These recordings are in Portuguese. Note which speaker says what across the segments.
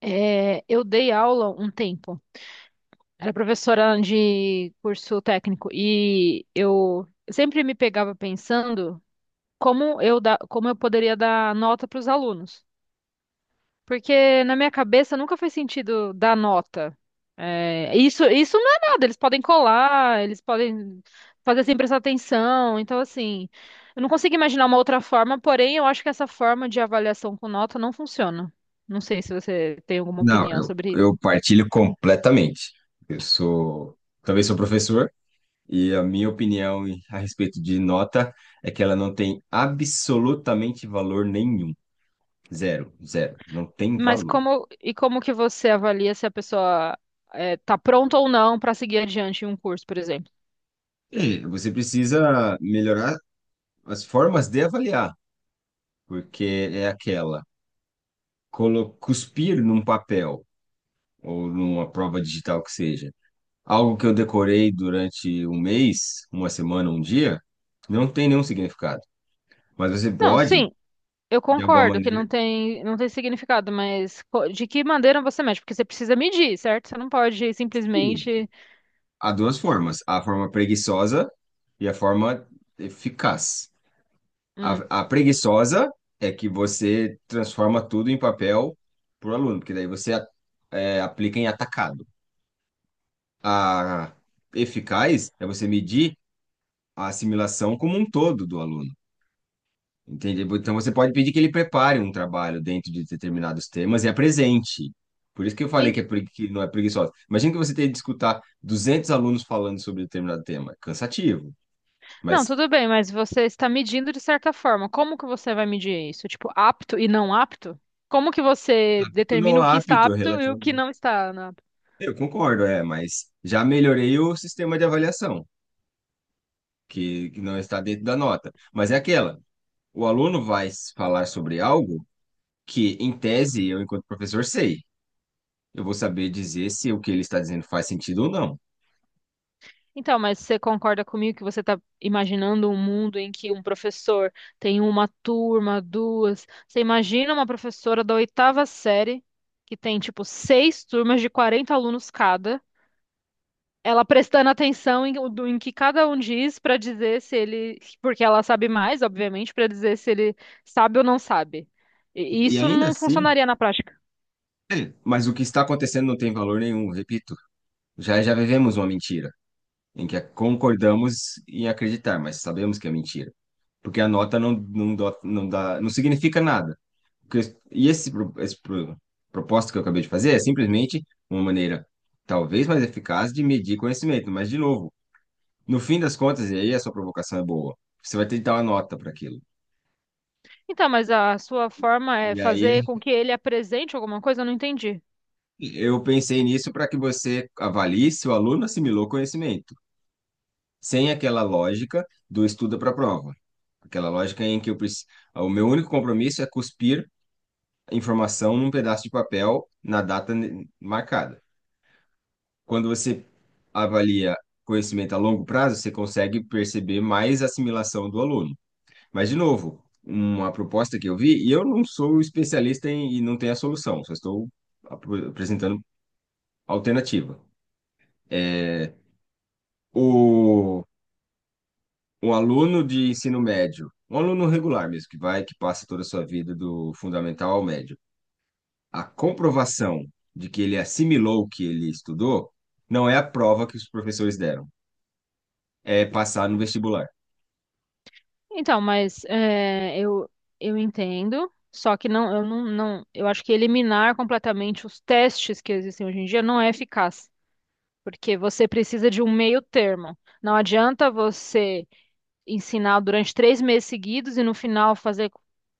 Speaker 1: É, eu dei aula um tempo. Era professora de curso técnico e eu sempre me pegava pensando como eu poderia dar nota para os alunos, porque na minha cabeça nunca fez sentido dar nota. É, isso não é nada. Eles podem colar, eles podem fazer sem prestar atenção. Então assim, eu não consigo imaginar uma outra forma. Porém, eu acho que essa forma de avaliação com nota não funciona. Não sei se você tem alguma
Speaker 2: Não,
Speaker 1: opinião
Speaker 2: eu,
Speaker 1: sobre isso.
Speaker 2: eu partilho completamente. Eu sou, também sou professor, e a minha opinião a respeito de nota é que ela não tem absolutamente valor nenhum. Zero, zero. Não tem
Speaker 1: Mas
Speaker 2: valor.
Speaker 1: como e como que você avalia se a pessoa tá pronta ou não para seguir adiante em um curso, por exemplo?
Speaker 2: E você precisa melhorar as formas de avaliar, porque é aquela, cuspir num papel ou numa prova digital que seja. Algo que eu decorei durante um mês, uma semana, um dia, não tem nenhum significado. Mas você
Speaker 1: Não, sim,
Speaker 2: pode,
Speaker 1: eu
Speaker 2: de alguma
Speaker 1: concordo que não
Speaker 2: maneira,
Speaker 1: tem não tem significado, mas de que maneira você mede? Porque você precisa medir, certo? Você não pode
Speaker 2: sim.
Speaker 1: simplesmente
Speaker 2: Há duas formas, a forma preguiçosa e a forma eficaz.
Speaker 1: hum,
Speaker 2: A preguiçosa é que você transforma tudo em papel para o aluno, porque daí você aplica em atacado. A eficaz é você medir a assimilação como um todo do aluno. Entendi. Então você pode pedir que ele prepare um trabalho dentro de determinados temas e apresente. Por isso que eu falei
Speaker 1: em-
Speaker 2: que, é que não é preguiçosa. Imagina que você tem que escutar 200 alunos falando sobre determinado tema. Cansativo.
Speaker 1: Não,
Speaker 2: Mas
Speaker 1: tudo bem, mas você está medindo de certa forma. Como que você vai medir isso? Tipo, apto e não apto? Como que você
Speaker 2: tu
Speaker 1: determina
Speaker 2: não
Speaker 1: o que
Speaker 2: é
Speaker 1: está
Speaker 2: apto
Speaker 1: apto e o que
Speaker 2: relativamente.
Speaker 1: não está, né?
Speaker 2: Eu concordo, é, mas já melhorei o sistema de avaliação, que não está dentro da nota. Mas é aquela, o aluno vai falar sobre algo que, em tese, eu, enquanto professor, sei. Eu vou saber dizer se o que ele está dizendo faz sentido ou não.
Speaker 1: Então, mas você concorda comigo que você está imaginando um mundo em que um professor tem uma turma, duas? Você imagina uma professora da oitava série, que tem, tipo, seis turmas de 40 alunos cada, ela prestando atenção em que cada um diz para dizer se ele. Porque ela sabe mais, obviamente, para dizer se ele sabe ou não sabe. E
Speaker 2: E
Speaker 1: isso
Speaker 2: ainda
Speaker 1: não
Speaker 2: assim,
Speaker 1: funcionaria na prática.
Speaker 2: mas o que está acontecendo não tem valor nenhum, repito. Já já vivemos uma mentira, em que concordamos em acreditar, mas sabemos que é mentira. Porque a nota não, não, não dá, não significa nada. Porque- e esse, pro- esse pro- Proposta que eu acabei de fazer é simplesmente uma maneira, talvez mais eficaz, de medir conhecimento. Mas, de novo, no fim das contas, e aí a sua provocação é boa, você vai ter que dar uma nota para aquilo.
Speaker 1: Então, mas a sua forma é
Speaker 2: E
Speaker 1: fazer
Speaker 2: aí
Speaker 1: com que ele apresente alguma coisa? Eu não entendi.
Speaker 2: eu pensei nisso para que você avalie se o aluno assimilou conhecimento, sem aquela lógica do estuda para a prova, aquela lógica em que eu o meu único compromisso é cuspir a informação num pedaço de papel na data marcada. Quando você avalia conhecimento a longo prazo, você consegue perceber mais assimilação do aluno. Mas, de novo, uma proposta que eu vi, e eu não sou especialista em, e não tenho a solução, só estou apresentando alternativa. É, o Um aluno de ensino médio, um aluno regular mesmo, que vai, que passa toda a sua vida do fundamental ao médio, a comprovação de que ele assimilou o que ele estudou não é a prova que os professores deram, é passar no vestibular.
Speaker 1: Então, mas é, eu entendo, só que não, eu acho que eliminar completamente os testes que existem hoje em dia não é eficaz, porque você precisa de um meio termo. Não adianta você ensinar durante 3 meses seguidos e no final fazer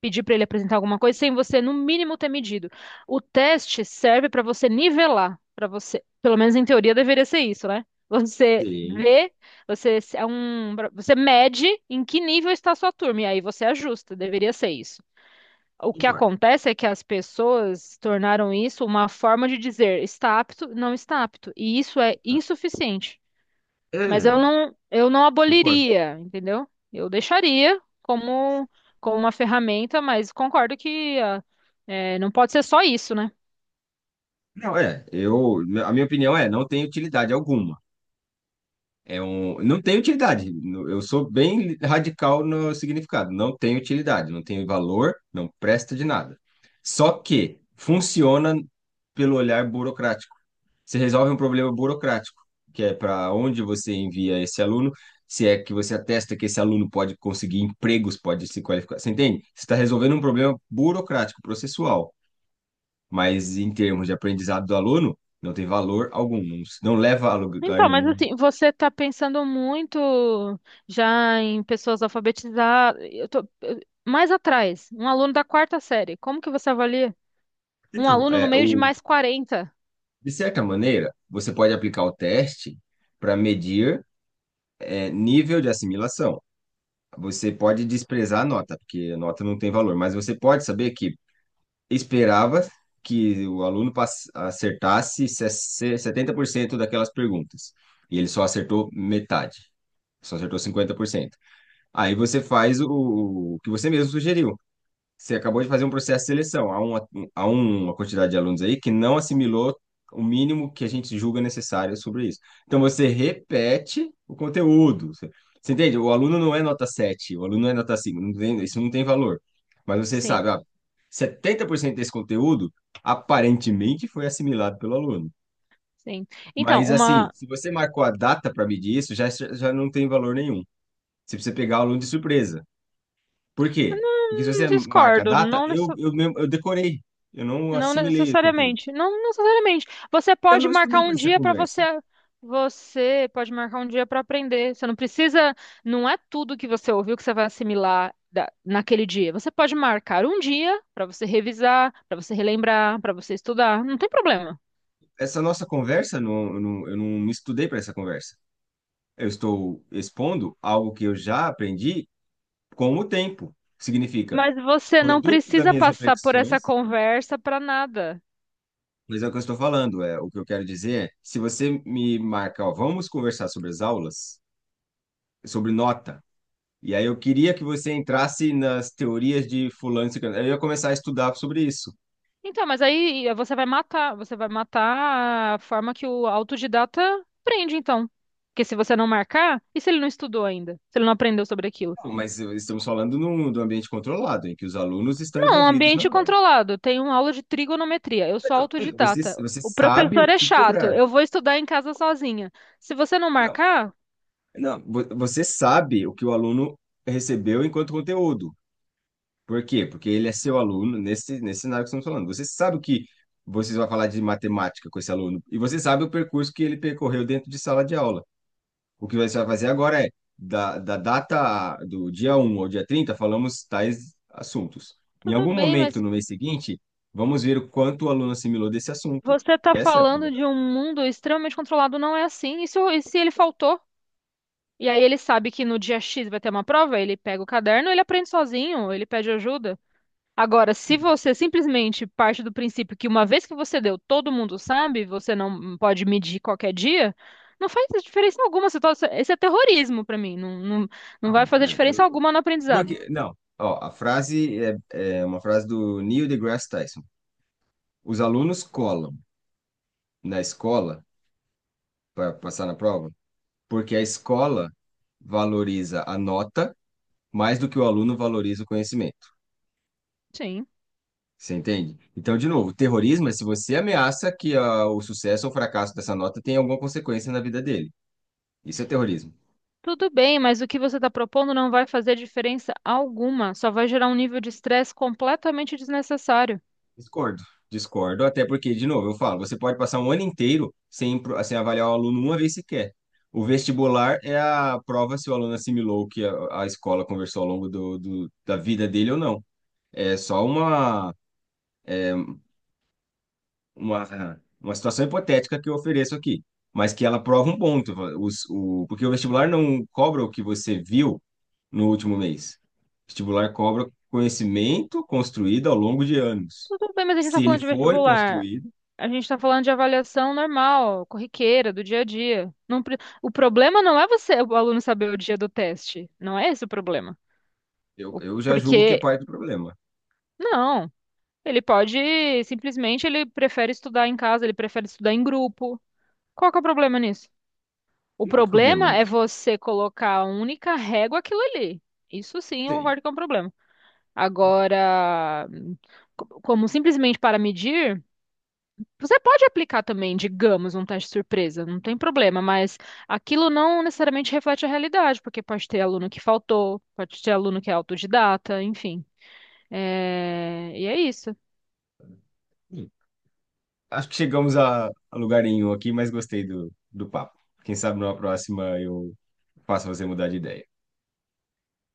Speaker 1: pedir para ele apresentar alguma coisa sem você no mínimo ter medido. O teste serve para você nivelar, para você, pelo menos em teoria deveria ser isso, né? Você
Speaker 2: Sim,
Speaker 1: vê, você se- é um, você mede em que nível está a sua turma e aí você ajusta, deveria ser isso. O que
Speaker 2: concordo.
Speaker 1: acontece é que as pessoas tornaram isso uma forma de dizer está apto, não está apto, e isso é insuficiente. Mas
Speaker 2: É,
Speaker 1: eu não
Speaker 2: Concordo.
Speaker 1: aboliria, entendeu? Eu deixaria como, como uma ferramenta, mas concordo que é, não pode ser só isso, né?
Speaker 2: Não, a minha opinião é, não tem utilidade alguma. Não tem utilidade. Eu sou bem radical no significado. Não tem utilidade, não tem valor, não presta de nada. Só que funciona pelo olhar burocrático. Você resolve um problema burocrático, que é para onde você envia esse aluno, se é que você atesta que esse aluno pode conseguir empregos, pode se qualificar. Você entende? Você está resolvendo um problema burocrático, processual. Mas em termos de aprendizado do aluno, não tem valor algum, não, não leva a lugar
Speaker 1: Então, mas
Speaker 2: nenhum.
Speaker 1: assim, você está pensando muito já em pessoas alfabetizadas. Mais atrás, um aluno da quarta série. Como que você avalia? Um aluno no
Speaker 2: É,
Speaker 1: meio de
Speaker 2: o
Speaker 1: mais 40.
Speaker 2: De certa maneira, você pode aplicar o teste para medir nível de assimilação. Você pode desprezar a nota, porque a nota não tem valor, mas você pode saber que esperava que o aluno acertasse 70% daquelas perguntas, e ele só acertou metade, só acertou 50%. Aí você faz o que você mesmo sugeriu. Você acabou de fazer um processo de seleção. Há uma, há um, Uma quantidade de alunos aí que não assimilou o mínimo que a gente julga necessário sobre isso. Então, você repete o conteúdo. Você entende? O aluno não é nota 7. O aluno não é nota 5. Não tem, isso não tem valor. Mas você
Speaker 1: Sim,
Speaker 2: sabe, ó, 70% desse conteúdo aparentemente foi assimilado pelo aluno.
Speaker 1: sim. Então,
Speaker 2: Mas, assim,
Speaker 1: uma.
Speaker 2: se você marcou a data para medir isso, já, já não tem valor nenhum. Você precisa pegar o aluno de surpresa. Por quê? Porque se
Speaker 1: Não
Speaker 2: você marca a
Speaker 1: discordo,
Speaker 2: data,
Speaker 1: não.
Speaker 2: eu mesmo, eu decorei, eu não
Speaker 1: Não
Speaker 2: assimilei o conteúdo.
Speaker 1: necessariamente. Não necessariamente. Você
Speaker 2: Eu
Speaker 1: pode
Speaker 2: não
Speaker 1: marcar
Speaker 2: estudei para
Speaker 1: um
Speaker 2: essa
Speaker 1: dia para você.
Speaker 2: conversa.
Speaker 1: Você pode marcar um dia para aprender. Você não precisa. Não é tudo que você ouviu que você vai assimilar naquele dia. Você pode marcar um dia para você revisar, para você relembrar, para você estudar. Não tem problema.
Speaker 2: Essa nossa conversa, não, eu não me estudei para essa conversa. Eu estou expondo algo que eu já aprendi com o tempo. Significa,
Speaker 1: Mas você não
Speaker 2: produto das
Speaker 1: precisa
Speaker 2: minhas
Speaker 1: passar por essa
Speaker 2: reflexões,
Speaker 1: conversa para nada.
Speaker 2: mas é o que eu estou falando, é o que eu quero dizer é, se você me marca, ó, vamos conversar sobre as aulas, sobre nota, e aí eu queria que você entrasse nas teorias de fulano e ciclano, aí eu ia começar a estudar sobre isso.
Speaker 1: Então, mas aí você vai matar a forma que o autodidata aprende, então. Porque se você não marcar, e se ele não estudou ainda? Se ele não aprendeu sobre aquilo?
Speaker 2: Mas estamos falando do ambiente controlado, em que os alunos estão
Speaker 1: Não, um
Speaker 2: envolvidos na
Speaker 1: ambiente
Speaker 2: aula.
Speaker 1: controlado. Tem uma aula de trigonometria. Eu sou
Speaker 2: Então, você,
Speaker 1: autodidata.
Speaker 2: você
Speaker 1: O
Speaker 2: sabe
Speaker 1: professor
Speaker 2: o
Speaker 1: é
Speaker 2: que
Speaker 1: chato.
Speaker 2: cobrar.
Speaker 1: Eu vou estudar em casa sozinha. Se você não
Speaker 2: Não,
Speaker 1: marcar,
Speaker 2: não, você sabe o que o aluno recebeu enquanto conteúdo. Por quê? Porque ele é seu aluno nesse cenário que estamos falando. Você sabe o que vocês vão falar de matemática com esse aluno, e você sabe o percurso que ele percorreu dentro de sala de aula. O que você vai fazer agora é, da data do dia 1 ao dia 30 falamos tais assuntos. Em
Speaker 1: tudo
Speaker 2: algum
Speaker 1: bem,
Speaker 2: momento
Speaker 1: mas
Speaker 2: no mês seguinte, vamos ver o quanto o aluno assimilou desse assunto.
Speaker 1: você está
Speaker 2: Essa é a
Speaker 1: falando de um
Speaker 2: provocação.
Speaker 1: mundo extremamente controlado, não é assim. E se, e se ele faltou? E aí ele sabe que no dia X vai ter uma prova, ele pega o caderno, ele aprende sozinho, ele pede ajuda. Agora, se você simplesmente parte do princípio que uma vez que você deu, todo mundo sabe, você não pode medir qualquer dia, não faz diferença alguma. Esse é terrorismo pra mim. Não, não, não vai
Speaker 2: Não,
Speaker 1: fazer diferença alguma no aprendizado.
Speaker 2: porque, não, ó, a frase é uma frase do Neil deGrasse Tyson. Os alunos colam na escola para passar na prova porque a escola valoriza a nota mais do que o aluno valoriza o conhecimento.
Speaker 1: Sim,
Speaker 2: Você entende? Então, de novo, terrorismo é se você ameaça que ah, o sucesso ou fracasso dessa nota tenha alguma consequência na vida dele. Isso é terrorismo.
Speaker 1: tudo bem, mas o que você está propondo não vai fazer diferença alguma. Só vai gerar um nível de estresse completamente desnecessário.
Speaker 2: Discordo. Discordo, até porque, de novo, eu falo, você pode passar um ano inteiro sem, sem avaliar o aluno uma vez sequer. O vestibular é a prova se o aluno assimilou o que a escola conversou ao longo da vida dele ou não. É só uma. Uma situação hipotética que eu ofereço aqui, mas que ela prova um ponto, porque o vestibular não cobra o que você viu no último mês. O vestibular cobra conhecimento construído ao longo de anos.
Speaker 1: Tudo bem, mas a gente está
Speaker 2: Se ele
Speaker 1: falando de
Speaker 2: foi
Speaker 1: vestibular.
Speaker 2: construído,
Speaker 1: A gente está falando de avaliação normal, corriqueira, do dia a dia. O problema não é você, o aluno saber o dia do teste. Não é esse o problema.
Speaker 2: eu,
Speaker 1: O-
Speaker 2: eu já julgo que é
Speaker 1: Porque,
Speaker 2: parte do problema.
Speaker 1: não, ele pode, simplesmente, ele prefere estudar em casa, ele prefere estudar em grupo. Qual que é o problema nisso? O
Speaker 2: Não há problema
Speaker 1: problema é
Speaker 2: nisso.
Speaker 1: você colocar a única régua aquilo ali. Isso sim, eu
Speaker 2: Sim.
Speaker 1: concordo que é um problema. Agora, como simplesmente para medir. Você pode aplicar também, digamos, um teste surpresa, não tem problema, mas aquilo não necessariamente reflete a realidade, porque pode ter aluno que faltou, pode ter aluno que é autodidata, enfim. É, e é isso.
Speaker 2: Hum. Acho que chegamos a lugar nenhum aqui, mas gostei do papo. Quem sabe numa próxima eu faço você mudar de ideia.